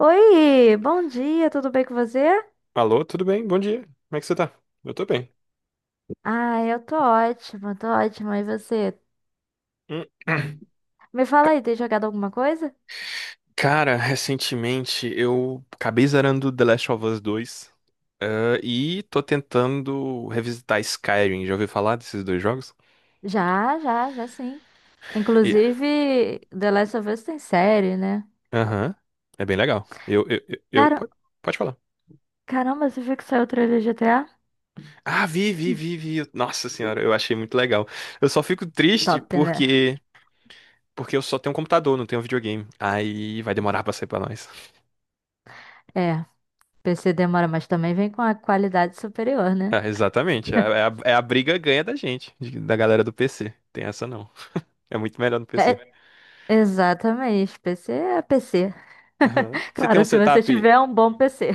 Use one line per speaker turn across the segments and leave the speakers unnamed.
Oi, bom dia, tudo bem com você?
Alô, tudo bem? Bom dia. Como é que você tá? Eu tô bem.
Ah, eu tô ótima, tô ótima. E você?
Hum.
Me fala aí, tem jogado alguma coisa?
Cara, recentemente eu acabei zerando The Last of Us 2, e tô tentando revisitar Skyrim. Já ouviu falar desses dois jogos?
Já, já, já sim.
E-
Inclusive, The Last of Us tem série, né?
Aham. É bem legal.
Cara,
Pode falar.
caramba, você viu que saiu o trailer de GTA?
Ah, vi, vi, vi, vi. Nossa senhora, eu achei muito legal. Eu só fico triste
Top, né?
porque eu só tenho um computador, não tenho videogame. Aí vai demorar pra sair pra nós.
É, PC demora, mas também vem com a qualidade superior, né?
Ah, exatamente. É a briga ganha da gente, da galera do PC. Tem essa não. É muito melhor no PC.
É, exatamente, PC é PC.
Aham.
Claro, se você tiver um bom PC.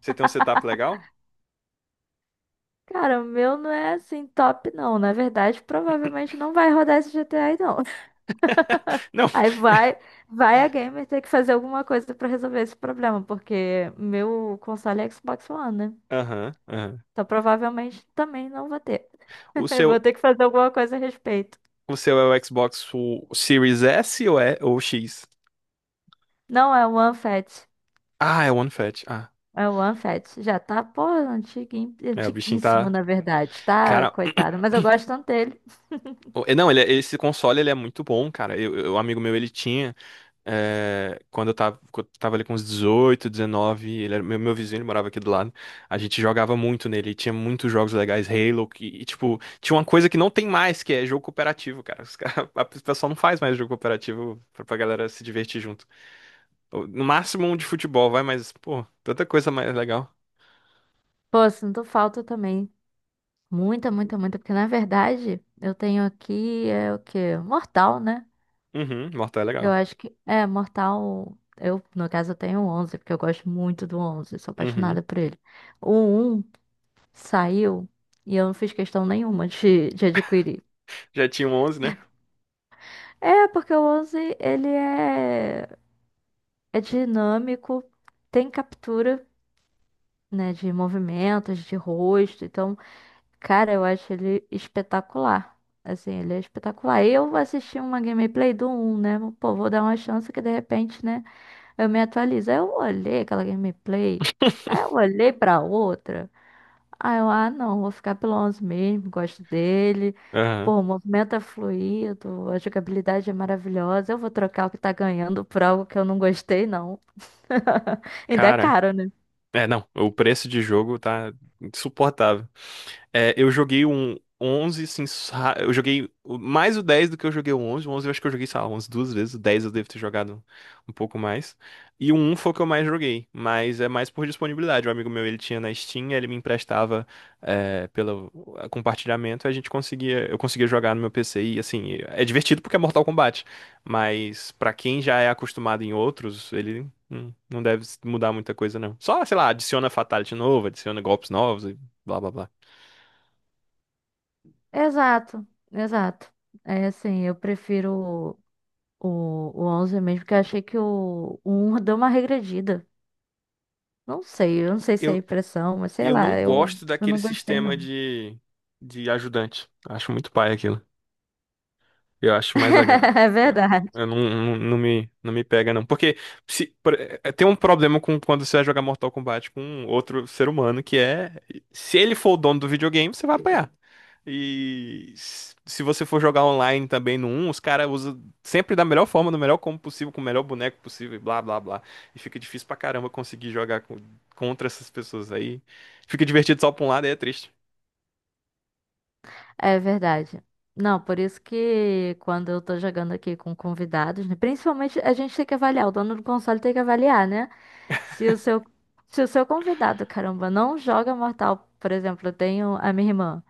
Você tem um setup legal?
Cara, o meu não é assim top, não. Na verdade, provavelmente não vai rodar esse GTA, aí, não.
Não.
Aí vai a gamer ter que fazer alguma coisa pra resolver esse problema, porque meu console é Xbox One, né?
Aham, aham.
Então provavelmente também não vou ter.
O
Eu vou
seu,
ter que fazer alguma coisa a respeito.
o seu é o Xbox o Series S ou é ou X?
Não é o One OneFat.
Ah, é o One Fat. Ah,
É o One OneFat. Já tá, pô, antiguinho,
é, o bichinho
antiguíssimo,
tá,
na verdade, tá?
cara,
Coitado. Mas eu gosto tanto dele.
não, esse console ele é muito bom, cara. Um amigo meu ele tinha. É, quando eu tava ali com uns 18, 19, ele era meu vizinho, ele morava aqui do lado. A gente jogava muito nele, e tinha muitos jogos legais, Halo, que, e, tipo, tinha uma coisa que não tem mais, que é jogo cooperativo, cara. Os cara, o pessoal não faz mais jogo cooperativo pra galera se divertir junto. No máximo um de futebol, vai, mas, pô, tanta coisa mais legal.
Pô, sinto falta também. Muita, muita, muita, porque na verdade eu tenho aqui é o quê? Mortal, né?
Uhum, Mortal é
Eu
legal.
acho que é Mortal. Eu, no caso, eu tenho o 11 porque eu gosto muito do onze, sou
Uhum.
apaixonada por ele. O um saiu e eu não fiz questão nenhuma de adquirir.
Já tinha um 11, né?
É, porque o 11 ele é, dinâmico, tem captura, né, de movimentos, de rosto. Então, cara, eu acho ele espetacular. Assim, ele é espetacular. Eu assisti uma gameplay do um, né? Pô, vou dar uma chance que de repente, né? Eu me atualizo. Aí eu olhei aquela gameplay. Aí eu olhei pra outra. Aí eu, ah, não, vou ficar pelo 11 mesmo. Gosto dele.
Aham.
Pô, o movimento é fluido. A jogabilidade é maravilhosa. Eu vou trocar o que tá ganhando por algo que eu não gostei, não. Ainda é
Cara.
caro, né?
É, não, o preço de jogo tá insuportável. É, eu joguei um 11 assim, eu joguei mais o 10 do que eu joguei o onze. O 11 eu acho que eu joguei, sei lá, umas duas vezes. O 10 eu devo ter jogado um pouco mais. E o 1 foi o que eu mais joguei, mas é mais por disponibilidade. Um amigo meu, ele tinha na Steam, ele me emprestava é, pelo compartilhamento, a gente conseguia, eu conseguia jogar no meu PC e, assim, é divertido porque é Mortal Kombat, mas pra quem já é acostumado em outros, ele. Não deve mudar muita coisa, não. Só, sei lá, adiciona Fatality novo, adiciona golpes novos e blá blá blá.
Exato, exato. É assim, eu prefiro. O 11 mesmo, porque eu achei que o 1 deu uma regredida. Não sei, eu não sei se é
Eu,
impressão, mas sei
eu não
lá, eu,
gosto
eu
daquele
não gostei
sistema
não.
de ajudante. Acho muito pai aquilo. Eu acho mais legal.
É
Ah,
verdade,
eu não, não, não me pega, não. Porque se, por- eh, tem um problema com quando você vai jogar Mortal Kombat com um outro ser humano, que é, se ele for o dono do videogame, você vai apanhar. E se você for jogar online também no um, os caras usam sempre da melhor forma, do melhor combo possível, com o melhor boneco possível, e blá blá blá. E fica difícil pra caramba conseguir jogar contra essas pessoas aí. Fica divertido só pra um lado e é triste.
é verdade. Não, por isso que quando eu tô jogando aqui com convidados, né, principalmente a gente tem que avaliar, o dono do console tem que avaliar, né? Se o seu, se o seu convidado, caramba, não joga Mortal, por exemplo, eu tenho a minha irmã.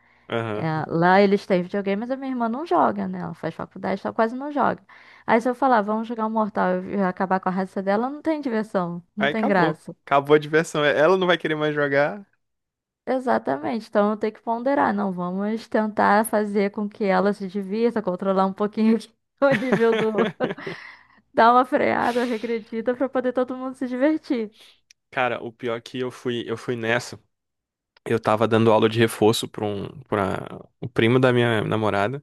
É,
Aham.
lá eles têm videogame, mas a minha irmã não joga, né? Ela faz faculdade, só quase não joga. Aí se eu falar, vamos jogar um Mortal e acabar com a raça dela, não tem diversão, não
Aí
tem
acabou.
graça.
Acabou a diversão. É, ela não vai querer mais jogar.
Exatamente, então eu tenho que ponderar, não, vamos tentar fazer com que ela se divirta, controlar um pouquinho aqui o nível do... Dar uma freada, regredida, pra poder todo mundo se divertir.
Cara, o pior é que eu fui nessa. Eu tava dando aula de reforço pra o primo da minha namorada.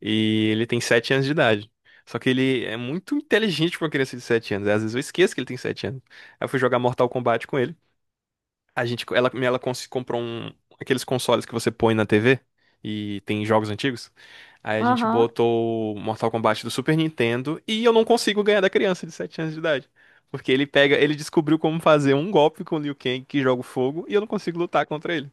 E ele tem 7 anos de idade. Só que ele é muito inteligente pra uma criança de 7 anos. Às vezes eu esqueço que ele tem 7 anos. Aí eu fui jogar Mortal Kombat com ele. A gente, ela cons- comprou um, aqueles consoles que você põe na TV e tem jogos antigos. Aí a gente
Aham.
botou o Mortal Kombat do Super Nintendo e eu não consigo ganhar da criança de 7 anos de idade. Porque ele pega, ele descobriu como fazer um golpe com o Liu Kang que joga o fogo e eu não consigo lutar contra ele.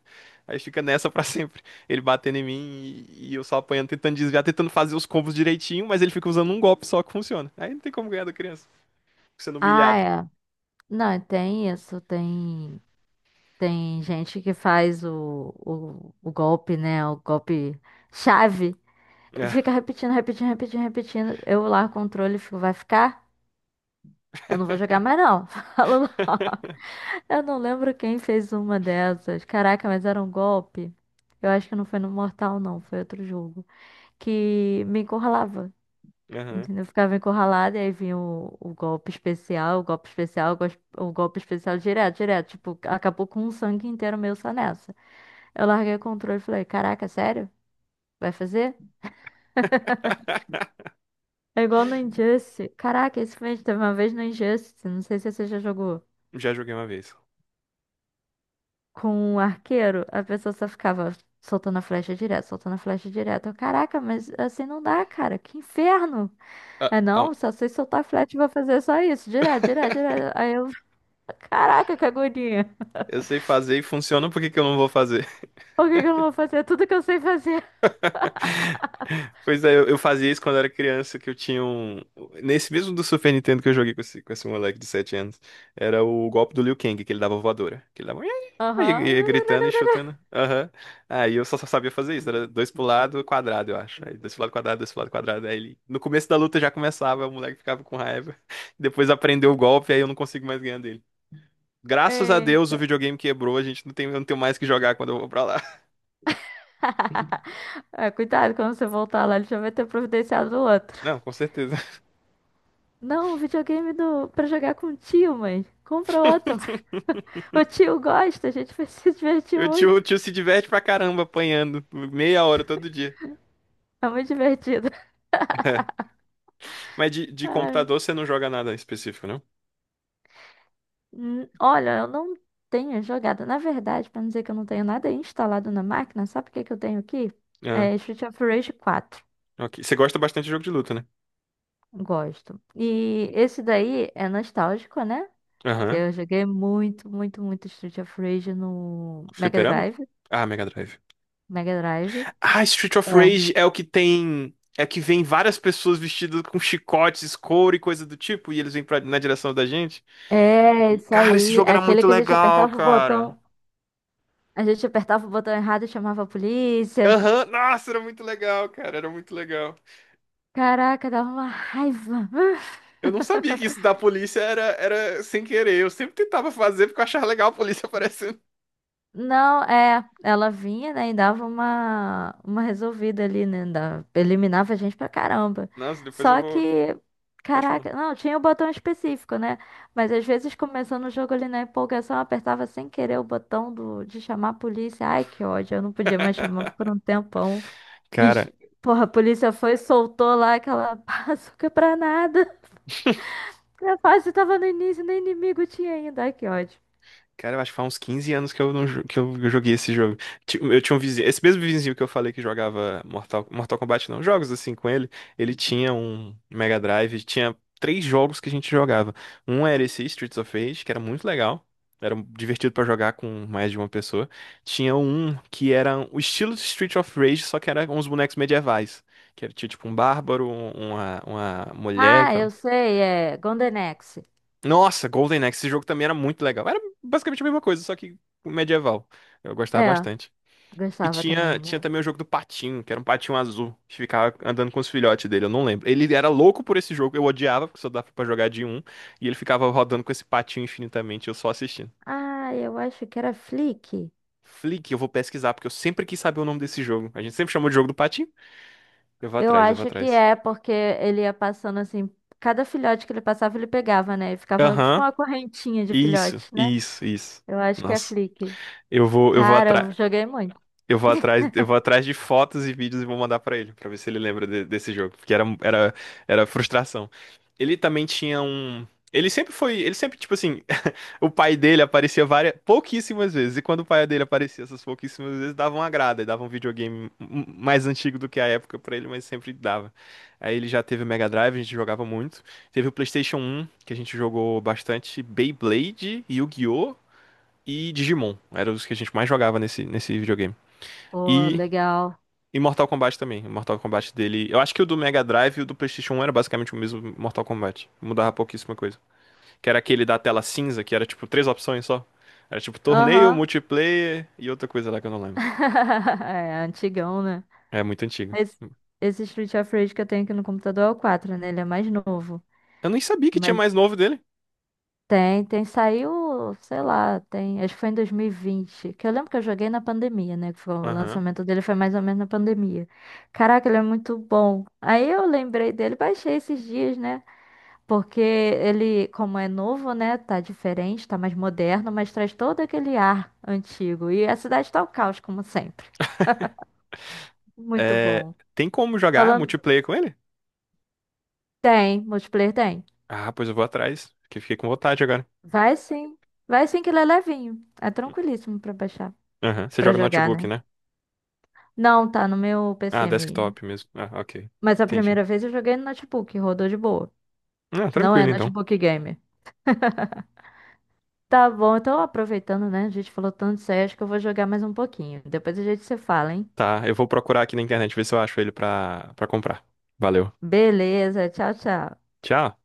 Aí fica nessa pra sempre. Ele batendo em mim e eu só apanhando, tentando desviar, tentando fazer os combos direitinho, mas ele fica usando um golpe só que funciona. Aí não tem como ganhar da criança, fica sendo
Ah,
humilhado.
é. Não, tem isso, tem... Tem gente que faz o golpe, né? O golpe chave.
É.
Fica repetindo, repetindo, repetindo, repetindo. Eu lá, controle, fico, vai ficar? Eu não vou jogar mais, não. Falo, não. Eu não lembro quem fez uma dessas. Caraca, mas era um golpe. Eu acho que não foi no Mortal, não. Foi outro jogo. Que me encurralava.
Aham.
Entendeu? Eu ficava encurralada e aí vinha o golpe especial, o golpe especial, o golpe especial direto, direto. Tipo, acabou com um sangue inteiro meu só nessa. Eu larguei o controle e falei, caraca, sério? Vai fazer? É igual no Injustice. Caraca, esse filme teve uma vez no Injustice, não sei se você já jogou.
Já joguei uma vez.
Com um arqueiro, a pessoa só ficava soltando a flecha direto, soltando a flecha direto. Eu, caraca, mas assim não dá, cara. Que inferno.
Ah,
É
ah.
não, só sei soltar a flecha e vou fazer só isso. Direto, direto, direto. Aí eu, caraca, que agonia.
Eu sei fazer e funciona, por que que eu não vou fazer?
Por que que eu não vou fazer tudo que eu sei fazer?
Pois é, eu fazia isso quando era criança, que eu tinha um. Nesse mesmo do Super Nintendo que eu joguei com esse moleque de 7 anos, era o golpe do Liu Kang, que ele dava voadora. Que ele dava. Aí
Aham.
ia gritando e chutando. Aham. Aí eu só sabia fazer isso. Era dois pro lado, quadrado, eu acho. Aí dois pro lado, quadrado, dois pro lado, quadrado. Aí ele. No começo da luta já começava, o moleque ficava com raiva. Depois aprendeu o golpe, aí eu não consigo mais ganhar dele. Graças a Deus o
Eita.
videogame quebrou, a gente não tem, eu não tenho mais o que jogar quando eu vou pra lá.
É, cuidado, quando você voltar lá, ele já vai ter providenciado o outro.
Não, com certeza.
Não, o videogame do... pra jogar com o tio, mãe. Compra outro. O tio gosta, a gente vai se divertir
O
muito.
tio se diverte pra caramba apanhando por meia hora todo dia.
É muito divertido.
Mas de
Ai,
computador você não joga nada específico, não?
olha, eu não tenho jogado. Na verdade, pra não dizer que eu não tenho nada instalado na máquina, sabe o que que eu tenho aqui?
Ah,
É Street of Rage 4.
ok. Você gosta bastante de jogo de luta, né?
Gosto. E esse daí é nostálgico, né? Que
Aham.
eu joguei muito, muito, muito Street of Rage no Mega
Fliperama?
Drive.
Ah, Mega Drive.
Mega Drive.
Ah, Street of
É.
Rage é o que tem. É que vem várias pessoas vestidas com chicotes, couro e coisa do tipo, e eles vêm pra, na direção da gente. E
É,
tipo,
isso
cara, esse
aí.
jogo era
Aquele
muito
que a gente
legal,
apertava o
cara.
botão. A gente apertava o botão errado e chamava a polícia.
Aham, nossa, era muito legal, cara, era muito legal.
Caraca, dava uma raiva.
Eu não sabia que isso da polícia era, era sem querer. Eu sempre tentava fazer porque eu achava legal a polícia aparecendo.
Não, é, ela vinha, né, e dava uma, resolvida ali, né, da- eliminava a gente pra caramba.
Nossa, depois eu
Só
vou.
que,
Pode falar.
caraca, não, tinha o botão específico, né, mas às vezes começando o jogo ali na empolgação, eu apertava sem querer o botão de chamar a polícia. Ai, que ódio, eu não podia mais chamar por um tempão. E,
Cara,
porra, a polícia foi e soltou lá aquela bazuca pra nada. A fase tava no início, nem inimigo tinha ainda. Ai, que ódio.
cara, eu acho que faz uns 15 anos que eu não jo- que eu joguei esse jogo. Eu tinha um vizinho, esse mesmo vizinho que eu falei que jogava Mortal Kombat, não, jogos assim com ele, ele tinha um Mega Drive, tinha três jogos que a gente jogava. Um era esse Streets of Rage, que era muito legal, era divertido pra jogar com mais de uma pessoa. Tinha um que era o estilo de Streets of Rage, só que era uns bonecos medievais, que era tinha, tipo um bárbaro, uma mulher.
Ah, eu sei, é Gondenex.
Nossa, Golden Axe, esse jogo também era muito legal. Era basicamente a mesma coisa, só que medieval. Eu gostava
É,
bastante. E
gostava também
tinha
muito.
também o jogo do patinho, que era um patinho azul, que ficava andando com os filhotes dele, eu não lembro. Ele era louco por esse jogo, eu odiava, porque só dava pra jogar de um, e ele ficava rodando com esse patinho infinitamente, eu só assistindo.
Ah, eu acho que era Flick.
Flick, eu vou pesquisar, porque eu sempre quis saber o nome desse jogo. A gente sempre chamou de jogo do patinho. Eu vou
Eu
atrás, eu vou
acho que
atrás.
é, porque ele ia passando assim, cada filhote que ele passava, ele pegava, né? E ficava tipo
Aham,
uma correntinha de
isso,
filhotes, né?
isso, isso.
Eu acho que é
Nossa,
Flick.
eu vou
Cara,
atrás.
eu joguei muito.
Eu vou atrás de fotos e vídeos e vou mandar pra ele, pra ver se ele lembra desse jogo, porque era, era frustração. Ele também tinha um, ele sempre foi, ele sempre tipo assim, o pai dele aparecia várias, pouquíssimas vezes, e quando o pai dele aparecia essas pouquíssimas vezes, dava uma grada, e dava um videogame mais antigo do que a época pra ele, mas sempre dava. Aí ele já teve o Mega Drive, a gente jogava muito. Teve o PlayStation um que a gente jogou bastante Beyblade, Yu-Gi-Oh! E Digimon. Eram os que a gente mais jogava nesse videogame.
Pô,
e
legal.
e Mortal Kombat também. O Mortal Kombat dele. Eu acho que o do Mega Drive e o do PlayStation 1 era basicamente o mesmo Mortal Kombat. Mudava pouquíssima coisa. Que era aquele da tela cinza, que era tipo três opções só. Era tipo torneio,
Aham.
multiplayer e outra coisa lá que eu não lembro.
É, antigão, né?
É muito antigo.
Esse, esse Street of Rage que eu tenho aqui no computador é o 4, né? Ele é mais novo.
Eu nem sabia que tinha
Mas
mais novo dele.
Saiu, sei lá, tem, acho que foi em 2020, que eu lembro que eu joguei na pandemia, né, que foi, o
Aham.
lançamento dele foi mais ou menos na pandemia. Caraca, ele é muito bom. Aí eu lembrei dele, baixei esses dias, né, porque ele, como é novo, né, tá diferente, tá mais moderno, mas traz todo aquele ar antigo. E a cidade tá o caos, como sempre. Muito
É,
bom.
tem como jogar
Falando,
multiplayer com ele?
tem, multiplayer tem.
Ah, pois eu vou atrás. Que fiquei com vontade agora.
Vai sim, vai sim que ele é levinho, é tranquilíssimo pra baixar,
Aham. Você
pra
joga no
jogar, né.
notebook, né?
Não, tá no meu
Ah,
PC mesmo.
desktop mesmo. Ah, ok.
Mas a
Entendi.
primeira vez eu joguei no notebook, rodou de boa.
Ah,
Não é
tranquilo então.
notebook gamer. Tá bom, então aproveitando, né? A gente falou tanto de sério, acho que eu vou jogar mais um pouquinho. Depois a gente se fala, hein?
Tá, eu vou procurar aqui na internet ver se eu acho ele pra comprar. Valeu.
Beleza, tchau, tchau.
Tchau.